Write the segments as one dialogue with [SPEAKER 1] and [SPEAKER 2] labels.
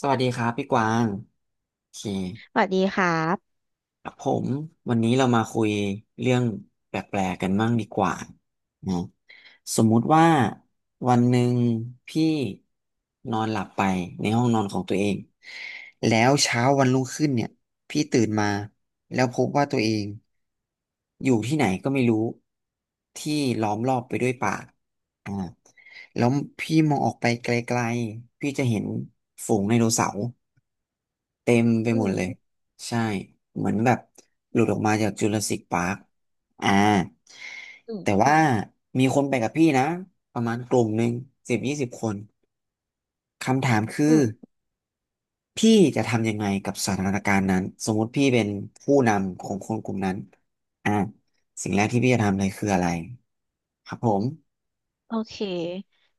[SPEAKER 1] สวัสดีครับพี่กวางโอเค
[SPEAKER 2] สวัสดีครับ
[SPEAKER 1] ครับผมวันนี้เรามาคุยเรื่องแปลกๆกันบ้างดีกว่านะสมมุติว่าวันหนึ่งพี่นอนหลับไปในห้องนอนของตัวเอง แล้วเช้าวันรุ่งขึ้นเนี่ยพี่ตื่นมาแล้วพบว่าตัวเองอยู่ที่ไหนก็ไม่รู้ที่ล้อมรอบไปด้วยป่าอ่าแล้วพี่มองออกไปไกลๆพี่จะเห็นฝูงไดโนเสาร์ เต็มไป
[SPEAKER 2] อื
[SPEAKER 1] หม
[SPEAKER 2] ม
[SPEAKER 1] ดเลยใช่เหมือนแบบหลุดออกมาจากจูราสสิคปาร์คอ่า
[SPEAKER 2] อืม
[SPEAKER 1] แต่ว่ามีคนไปกับพี่นะประมาณกลุ่มหนึ่งสิบยี่สิบคนคำถามคื
[SPEAKER 2] อื
[SPEAKER 1] อ
[SPEAKER 2] ม
[SPEAKER 1] พี่จะทำยังไงกับสถานการณ์นั้นสมมุติพี่เป็นผู้นำของคนกลุ่มนั้นอ่าสิ่งแรกที่พี่จะทำเลยคืออะไรครับผม
[SPEAKER 2] โอเค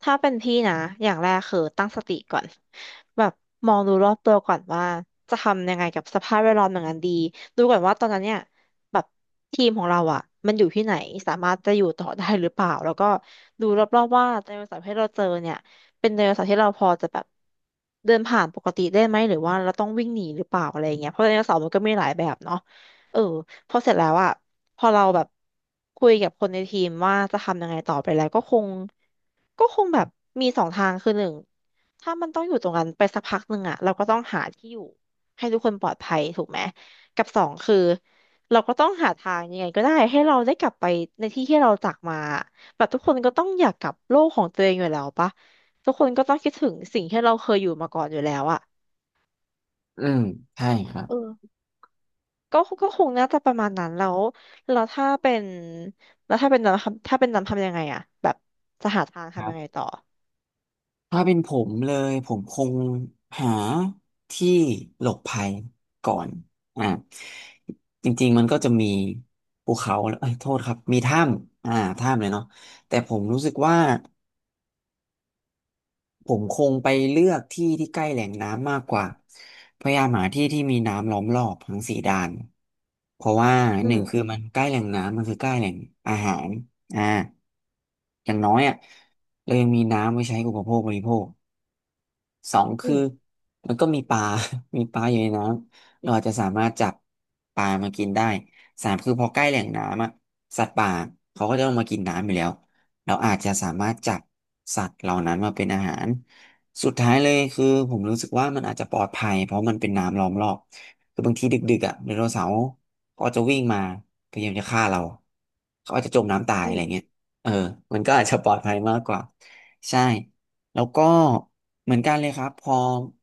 [SPEAKER 2] ถ้าเป็นพี่นะ อย่างแรกคือตั้งสติก่อนแบบมองดูรอบตัวก่อนว่าจะทำยังไงกับสภาพแวดล้อมอย่างนั้นดีดูก่อนว่าตอนนั้นเนี่ยแบบทีมของเราอ่ะมันอยู่ที่ไหนสามารถจะอยู่ต่อได้หรือเปล่าแล้วก็ดูรอบๆว่าไดโนเสาร์ที่เราเจอเนี่ยเป็นไดโนเสาร์ที่เราพอจะแบบเดินผ่านปกติได้ไหมหรือว่าเราต้องวิ่งหนีหรือเปล่าอะไรอย่างเงี้ยเพราะไดโนเสาร์มันก็มีหลายแบบเนาะเออ พอเสร็จแล้วอะพอเราแบบคุยกับคนในทีมว่าจะทำยังไงต่อไปแล้วก็คงก็คงแบบมีสองทางคือหนึ่งถ้ามันต้องอยู่ตรงนั้นไปสักพักหนึ่งอะเราก็ต้องหาที่อยู่ให้ทุกคนปลอดภัยถูกไหมกับสองคือเราก็ต้องหาทางยังไงก็ได้ให้เราได้กลับไปในที่ที่เราจากมาแบบทุกคนก็ต้องอยากกลับโลกของตัวเองอยู่แล้วปะทุกคนก็ต้องคิดถึงสิ่งที่เราเคยอยู่มาก่อนอยู่แล้วอะ
[SPEAKER 1] อืมใช่ครั
[SPEAKER 2] เออ ก็คงน่าจะประมาณนั้นแล้วแล้วถ้าเป็นถ้าเป็นน้ำทำยังไงอะแบบจะหาทางทำ
[SPEAKER 1] บ
[SPEAKER 2] ยังไงต่อ
[SPEAKER 1] ถ้าเป็นผมเลยผมคงหาที่หลบภัยก่อนอ่าจริงๆมันก็จะมีภูเขาเอ้ยโทษครับมีถ้ำถ้ำเลยเนาะแต่ผมรู้สึกว่าผมคงไปเลือกที่ที่ใกล้แหล่งน้ำมากกว่าพยายามหาที่ที่มีน้ำล้อมรอบทั้งสี่ด้านเพราะว่า
[SPEAKER 2] อื
[SPEAKER 1] หนึ่
[SPEAKER 2] ม
[SPEAKER 1] งคือมันใกล้แหล่งน้ำมันคือใกล้แหล่งอาหารอ่าอย่างน้อยอ่ะเรายังมีน้ำไว้ใช้อุปโภคบริโภค สอง
[SPEAKER 2] อื
[SPEAKER 1] คือ
[SPEAKER 2] ม
[SPEAKER 1] มันก็มีปลา มีปลาอยู่ในน้ำเราอาจจะสามารถจับปลามากินได้สามคือพอใกล้แหล่งน้ำอะสัตว์ป่าเขาก็จะเอามากินน้ำอยู่แล้วเราอาจจะสามารถจับสัตว์เหล่านั้นมาเป็นอาหารสุดท้ายเลยคือผมรู้สึกว่ามันอาจจะปลอดภัยเพราะมันเป็นน้ำล้อมรอบคือบางทีดึกๆอ่ะไดโนเสาร์ก็จะวิ่งมาพยายามจะฆ่าเราเขาอาจจะจมน้ำตาย
[SPEAKER 2] อื
[SPEAKER 1] อะไรเงี้ย
[SPEAKER 2] ม
[SPEAKER 1] เออมันก็อาจจะปลอดภัยมากกว่าใช่ แล้วก็เหมือนกันเลยครับพอ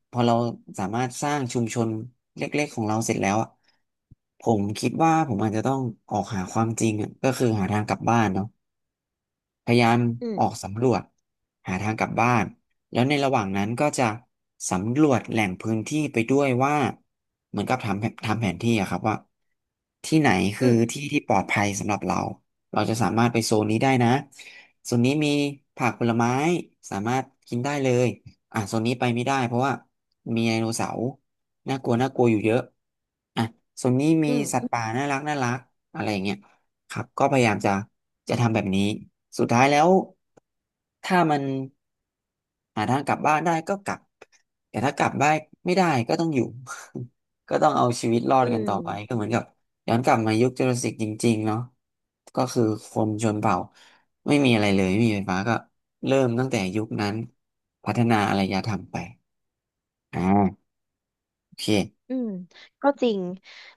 [SPEAKER 1] เราสามารถสร้างชุมชนเล็กๆของเราเสร็จแล้วอะผมคิดว่าผมอาจจะต้องออกหาความจริงอะก็คือหาทางกลับบ้านเนาะ พยายาม
[SPEAKER 2] อืม
[SPEAKER 1] ออกสำรวจหาทางกลับบ้านแล้วในระหว่างนั้นก็จะสำรวจแหล่งพื้นที่ไปด้วยว่าเหมือนกับทำแผนที่อะครับว่าที่ไหน
[SPEAKER 2] อื
[SPEAKER 1] คือ
[SPEAKER 2] ม
[SPEAKER 1] ที่ที่ปลอดภัยสำหรับเราเราจะสามารถไปโซนนี้ได้นะโซนนี้มีผักผลไม้สามารถกินได้เลยอ่ะโซนนี้ไปไม่ได้เพราะว่ามีไดโนเสาร์น่ากลัวน่ากลัวอยู่เยอะอ่ะโซนนี้มี
[SPEAKER 2] อืม
[SPEAKER 1] สัตว์ป่าน่ารักน่ารักอะไรอย่างเงี้ย ครับก็พยายามจะจะทำแบบนี้สุดท้ายแล้วถ้ามันหาทางกลับบ้านได้ก็กลับแต่ถ้ากลับบ้านไม่ได้ก็ต้องอยู่ ก็ต้องเอาชีวิตรอด
[SPEAKER 2] อื
[SPEAKER 1] กันต่อไปก็
[SPEAKER 2] ม
[SPEAKER 1] เหมือนกับย้อนกลับมายุคจูราสสิกจริงๆเนาะก็คือคนชนเผ่าไม่มีอะไรเลยไม่มีไฟฟ้าก็เริ่มตั้งแต่ยุคนั้นพัฒนาอารยธรรมไปอ่าโอเค
[SPEAKER 2] อืมก็จริง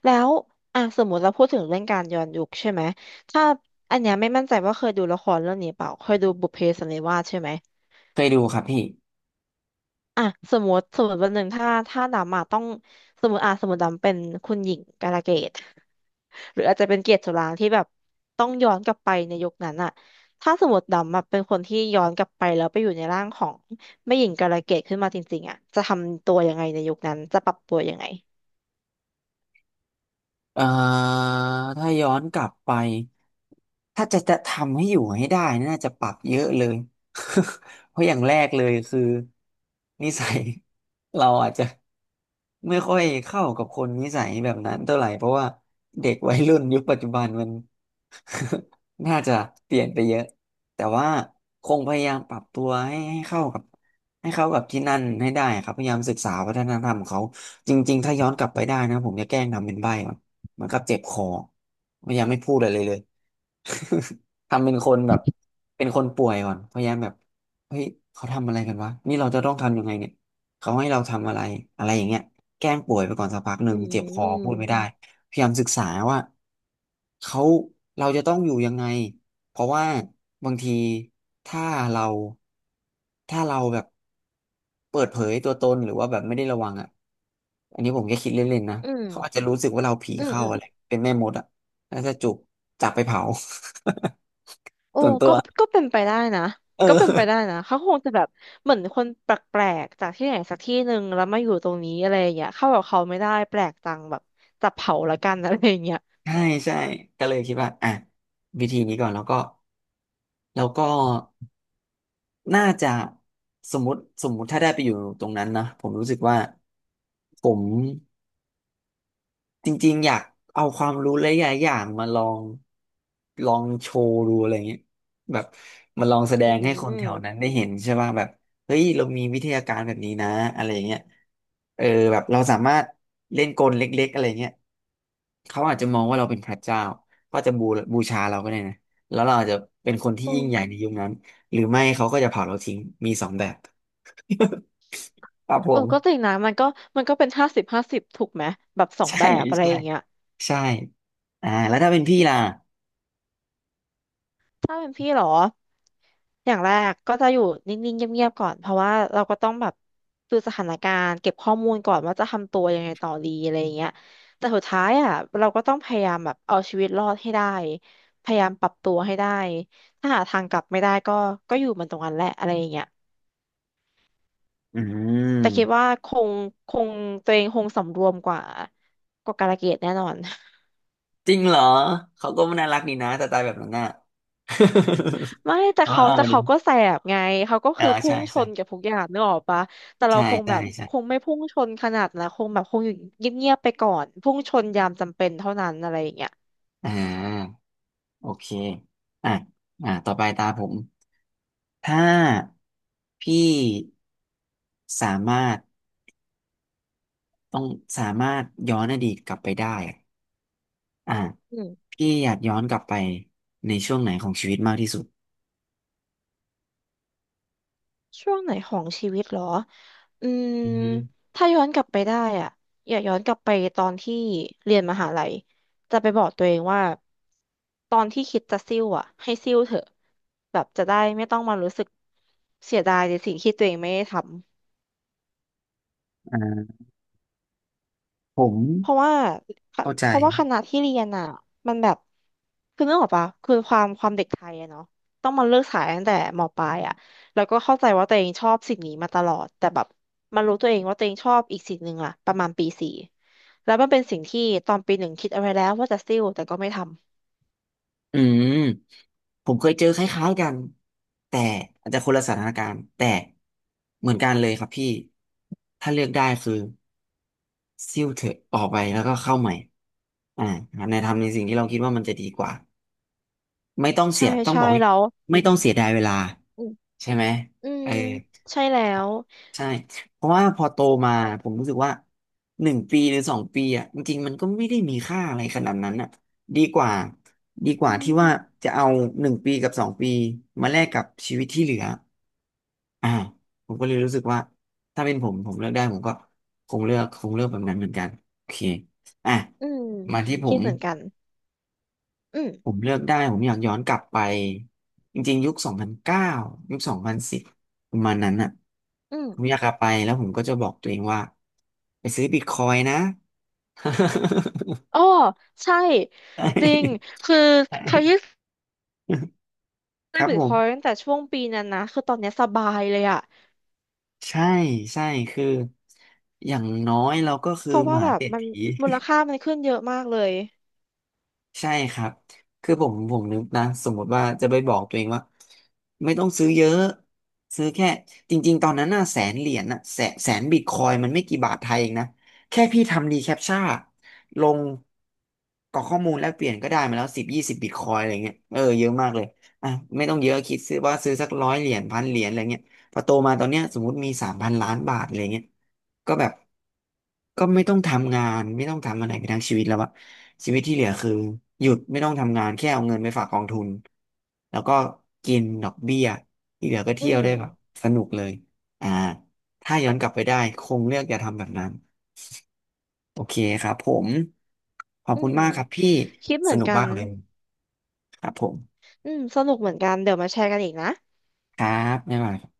[SPEAKER 2] แล้วอ่ะสมมติเราพูดถึงเรื่องการย้อนยุคใช่ไหมถ้าอันเนี้ยไม่มั่นใจว่าเคยดูละครเรื่องนี้เปล่าเคยดูบุพเพสันนิวาสใช่ไหม
[SPEAKER 1] เคยดูครับพี่
[SPEAKER 2] อ่ะสมมติวันหนึ่งถ้าดำมาต้องสมมติอ่ะสมมติดำเป็นคุณหญิงกาลเกต หรืออาจจะเป็นเกียรติสุรางค์ที่แบบต้องย้อนกลับไปในยุคนั้นอะถ้าสมมติดำอะเป็นคนที่ย้อนกลับไปแล้วไปอยู่ในร่างของแม่หญิงกาลเกตขึ้นมาจริงๆอะจะทำตัวยังไงในยุคนั้นจะปรับตัวยังไง
[SPEAKER 1] เอ่อถ้าย้อนกลับไป ถ้าจะทำให้อยู่ให้ได้น่าจะปรับเยอะเลย เพราะอย่างแรกเลยคือนิสัย เราอาจจะไม่ค่อยเข้ากับคนนิสัยแบบนั้นเท่าไหร่เพราะว่าเด็กวัยรุ่นยุคปัจจุบันมัน น่าจะเปลี่ยนไปเยอะแต่ว่าคงพยายามปรับตัวให้เข้ากับให้เข้ากับที่นั่นให้ได้ครับพยายามศึกษาวัฒนธรรมของเขาจริงๆถ้าย้อนกลับไปได้นะผมจะแกล้งทำเป็นใบ้ เหมือนกับเจ็บคอพยายามไม่พูดอะไรเลย เลย ทำเป็นคนแบบเป็นคนป่วยก่อนพยายามแบบเฮ้ย เขาทำอะไรกันวะ นี่เราจะต้องทำยังไงเนี่ย เขาให้เราทำอะไรอะไรอย่างเงี้ยแกล้งป่วยไปก่อนสักพักหนึ่
[SPEAKER 2] อื
[SPEAKER 1] งเจ็บคอพูดไม่ได้
[SPEAKER 2] ม
[SPEAKER 1] พยายามศึกษาว่าเขาเราจะต้องอยู่ยังไงเพราะว่าบางทีถ้าเราถ้าเราแบบเปิดเผยตัวตนหรือว่าแบบไม่ได้ระวังอ่ะอันนี้ผมแค่คิดเล่นๆนะ
[SPEAKER 2] อืม
[SPEAKER 1] เขาอาจจะรู้สึกว่าเราผี
[SPEAKER 2] อืม
[SPEAKER 1] เข้า
[SPEAKER 2] อืม
[SPEAKER 1] อะไรเป็นแม่มดอ่ะแล้วจะจุกจับไปเผา
[SPEAKER 2] โอ้
[SPEAKER 1] ส่วนตั
[SPEAKER 2] ก็
[SPEAKER 1] ว
[SPEAKER 2] ก็เป็นไปได้นะ
[SPEAKER 1] เอ
[SPEAKER 2] ก็เป็นไปได้
[SPEAKER 1] อ
[SPEAKER 2] นะเขาคงจะแบบเหมือนคนแปลกๆจากที่ไหนสักที่หนึ่งแล้วมาอยู่ตรงนี้อะไรอย่างเงี้ยเข้ากับเขาไม่ได้แปลกจังแบบจับเผาละกันอะไรอย่างเงี้ย
[SPEAKER 1] ใช่ใช่ก็เลยคิดว่าอ่ะวิธีนี้ก่อนแล้วก็แล้วก็ น่าจะสมมุติถ้าได้ไปอยู่ตรงนั้นนะผมรู้สึกว่าผม จริงๆอยากเอาความรู้หลายๆอย่างมาลองโชว์ดูอะไรเงี้ยแบบมาลองแสด
[SPEAKER 2] อื
[SPEAKER 1] งให้คนแถวนั้น
[SPEAKER 2] ม
[SPEAKER 1] ได้เห็นใช่ป่ะแบบเฮ้ยเรามีวิทยาการแบบนี้นะอะไรเงี้ยเออแบบเราสามารถเล่นกลเล็กๆอะไรเงี้ยเขาอาจจะมองว่าเราเป็นพระเจ้าก็จะบูชาเราก็ได้นะแล้วเราอาจจะเป็นคนที่
[SPEAKER 2] โอ้
[SPEAKER 1] ยิ่งใหญ่ในยุคนั้นหรือไม่เขาก็จะเผาเราทิ้งมีสองแบบครับผ
[SPEAKER 2] เออ
[SPEAKER 1] ม
[SPEAKER 2] ก็จริงนะมันก็เป็นห้าสิบห้าสิบถูกไหมแบบสอ ง
[SPEAKER 1] ใช่
[SPEAKER 2] แบบอะไร
[SPEAKER 1] ใช่
[SPEAKER 2] อย่างเงี้ย
[SPEAKER 1] ใช่อ่าแล้วถ้าเป็นพี่ล่ะ
[SPEAKER 2] ถ้าเป็นพี่เหรออย่างแรกก็จะอยู่นิ่งๆเงียบๆก่อนเพราะว่าเราก็ต้องแบบดูสถานการณ์เก็บข้อมูลก่อนว่าจะทำตัวยังไงต่อดีอะไรอย่างเงี้ยแต่สุดท้ายอ่ะเราก็ต้องพยายามแบบเอาชีวิตรอดให้ได้พยายามปรับตัวให้ได้ถ้าหาทางกลับไม่ได้ก็ก็อยู่มันตรงนั้นแหละอะไรอย่างเงี้ย
[SPEAKER 1] อื
[SPEAKER 2] แต่คิด
[SPEAKER 1] ม
[SPEAKER 2] ว่าคงคงตัวเองคงสำรวมกว่ากาลเกตแน่นอน
[SPEAKER 1] จริงเหรอเขาก็ไม่น่ารักดีนะแต่ตายแบบนั้นน่ะ
[SPEAKER 2] ไม่ แต่
[SPEAKER 1] เอา
[SPEAKER 2] เขา
[SPEAKER 1] เอา
[SPEAKER 2] แต่
[SPEAKER 1] ดิ
[SPEAKER 2] เขาก็แสบไงเขาก็
[SPEAKER 1] เออ
[SPEAKER 2] คือพุ่
[SPEAKER 1] ใช่
[SPEAKER 2] งช
[SPEAKER 1] ใช่
[SPEAKER 2] นกับทุกอย่างนึกออกปะแต่เรา
[SPEAKER 1] ใช่
[SPEAKER 2] คงแบ
[SPEAKER 1] ใช่
[SPEAKER 2] บ
[SPEAKER 1] ใช่
[SPEAKER 2] คงไม่พุ่งชนขนาดนะคงแบบคงอยู่เงียบๆไปก่อนพุ่งชนยามจำเป็นเท่านั้นอะไรอย่างเงี้ย
[SPEAKER 1] อ่าโอเคอ่ะอ่าต่อไปตาผมถ้าพี่สามารถต้องสามารถย้อนอดีตกลับไปได้อะอ่า
[SPEAKER 2] อืม
[SPEAKER 1] พี่อยากย้อนกลับไปในช่วงไหนของชีวิตมากที่สุด
[SPEAKER 2] ช่วงไหนของชีวิตเหรออืม
[SPEAKER 1] อืม
[SPEAKER 2] ถ้าย้อนกลับไปได้อ่ะอย่าย้อนกลับไปตอนที่เรียนมหาลัยจะไปบอกตัวเองว่าตอนที่คิดจะซิ่วอ่ะให้ซิ่วเถอะแบบจะได้ไม่ต้องมารู้สึกเสียดายในสิ่งที่ตัวเองไม่ได้ทำ
[SPEAKER 1] อ่าผม
[SPEAKER 2] เพราะว่าค
[SPEAKER 1] เข้าใจ
[SPEAKER 2] เพราะว่าคณะที่เรียนอ่ะมันแบบคือนึกออกปะคือความความเด็กไทยอะเนาะต้องมาเลือกสายตั้งแต่มปลายอะแล้วก็เข้าใจว่าตัวเองชอบสิ่งนี้มาตลอดแต่แบบมารู้ตัวเองว่าตัวเองชอบอีกสิ่งหนึ่งอะประมาณปีสี่แล้วมันเป็นสิ่งที่ตอนปีหนึ่งคิดเอาไว้แล้วว่าจะซิ่วแต่ก็ไม่ทำ
[SPEAKER 1] อืมผมเคยเจอคล้ายๆกันแต่อาจจะคนละสถานการณ์แต่เหมือนกันเลยครับพี่ถ้าเลือกได้คือซิ่วเถอะออกไปแล้วก็เข้าใหม่อ่าในทำในสิ่งที่เราคิดว่ามันจะดีกว่าไม่ต้องเสี
[SPEAKER 2] ใช่
[SPEAKER 1] ยต้อง
[SPEAKER 2] ใช่
[SPEAKER 1] บอกว่า
[SPEAKER 2] แล้ว
[SPEAKER 1] ไม่ต้องเสียดายเวลา
[SPEAKER 2] อืม
[SPEAKER 1] ใช่ไหม
[SPEAKER 2] อื
[SPEAKER 1] เอ
[SPEAKER 2] ม
[SPEAKER 1] อ
[SPEAKER 2] ใช่แล้ว
[SPEAKER 1] ใช่เพราะว่าพอโตมาผมรู้สึกว่าหนึ่งปีหรือสองปีอ่ะจริงๆมันก็ไม่ได้มีค่าอะไรขนาดนั้นอ่ะดีกว่าดีก
[SPEAKER 2] อื
[SPEAKER 1] ว่าที่ว่า
[SPEAKER 2] ม
[SPEAKER 1] จะเอาหนึ่งปีกับสองปีมาแลกกับชีวิตที่เหลืออ่าผมก็เลยรู้สึกว่าถ้าเป็นผมผมเลือกได้ผมก็คงเลือกแบบนั้นเหมือนกันโอเคอ่ะ
[SPEAKER 2] อืม
[SPEAKER 1] มาที่ผ
[SPEAKER 2] คิ
[SPEAKER 1] ม
[SPEAKER 2] ดเหมือนกันอืม
[SPEAKER 1] ผมเลือกได้ผมอยากย้อนกลับไปจริงๆยุค2009ยุค2010ประมาณนั้นอ่ะ
[SPEAKER 2] อืม
[SPEAKER 1] ผมอยากกลับไปแล้วผมก็จะบอกตัวเองว่าไปซื้อบิตคอยน์นะ
[SPEAKER 2] อ๋อใช่
[SPEAKER 1] ใช
[SPEAKER 2] จริง
[SPEAKER 1] ่
[SPEAKER 2] คือ
[SPEAKER 1] ใ
[SPEAKER 2] เคย
[SPEAKER 1] ช่ค
[SPEAKER 2] ซื้อ
[SPEAKER 1] รับ
[SPEAKER 2] บิ
[SPEAKER 1] ผ
[SPEAKER 2] ตค
[SPEAKER 1] ม
[SPEAKER 2] อยน์ตั้งแต่ช่วงปีนั้นนะคือตอนเนี้ยสบายเลยอะ
[SPEAKER 1] ใช่ใช่คืออย่างน้อยเราก็คื
[SPEAKER 2] เพ
[SPEAKER 1] อ
[SPEAKER 2] ราะ
[SPEAKER 1] ม
[SPEAKER 2] ว่าแบ
[SPEAKER 1] หา
[SPEAKER 2] บ
[SPEAKER 1] เศรษ
[SPEAKER 2] มัน
[SPEAKER 1] ฐี
[SPEAKER 2] มูลค่ามันขึ้นเยอะมากเลย
[SPEAKER 1] ใช่ครับคือผมนึกนะสมมติว่าจะไปบอกตัวเองว่าไม่ต้องซื้อเยอะซื้อแค่จริงๆตอนนั้นน่ะ100,000 เหรียญน่ะแสนบิตคอยมันไม่กี่บาทไทยเองนะแค่พี่ทำดีแคปชั่นลงกรอกข้อมูลแลกเปลี่ยนก็ได้มาแล้ว10-20บิตคอยอะไรเงี้ยเออเยอะมากเลยอ่ะไม่ต้องเยอะคิดซื้อว่าซื้อสัก100 เหรียญ1,000 เหรียญอะไรเงี้ยพอโตมาตอนเนี้ยสมมติมี3,000,000,000 บาทอะไรเงี้ย ก็แบบก็ไม่ต้องทำงานไม่ต้องทำอะไรไปทั้งชีวิตแล้วอะชีวิตที่เหลือคือหยุดไม่ต้องทำงานแค่เอาเงินไปฝากกองทุนแล้วก็กินดอกเบี้ยที่เหลือก็
[SPEAKER 2] อื
[SPEAKER 1] เที่ยว
[SPEAKER 2] ม
[SPEAKER 1] ได้แบบสนุกเลยอ่าถ้าย้อนกลับไปได้คงเลือกอย่าทำแบบนั้นโอเคครับผมขอบ
[SPEAKER 2] อื
[SPEAKER 1] คุณ
[SPEAKER 2] ม
[SPEAKER 1] มากครับพี่
[SPEAKER 2] คิดเห
[SPEAKER 1] ส
[SPEAKER 2] มือน
[SPEAKER 1] นุก
[SPEAKER 2] กั
[SPEAKER 1] มา
[SPEAKER 2] น
[SPEAKER 1] กเลยครับผม
[SPEAKER 2] อืมสนุกเหมือนกันเดี๋ยวมาแชร์กันอีกนะ
[SPEAKER 1] ครับบ๊ายบาย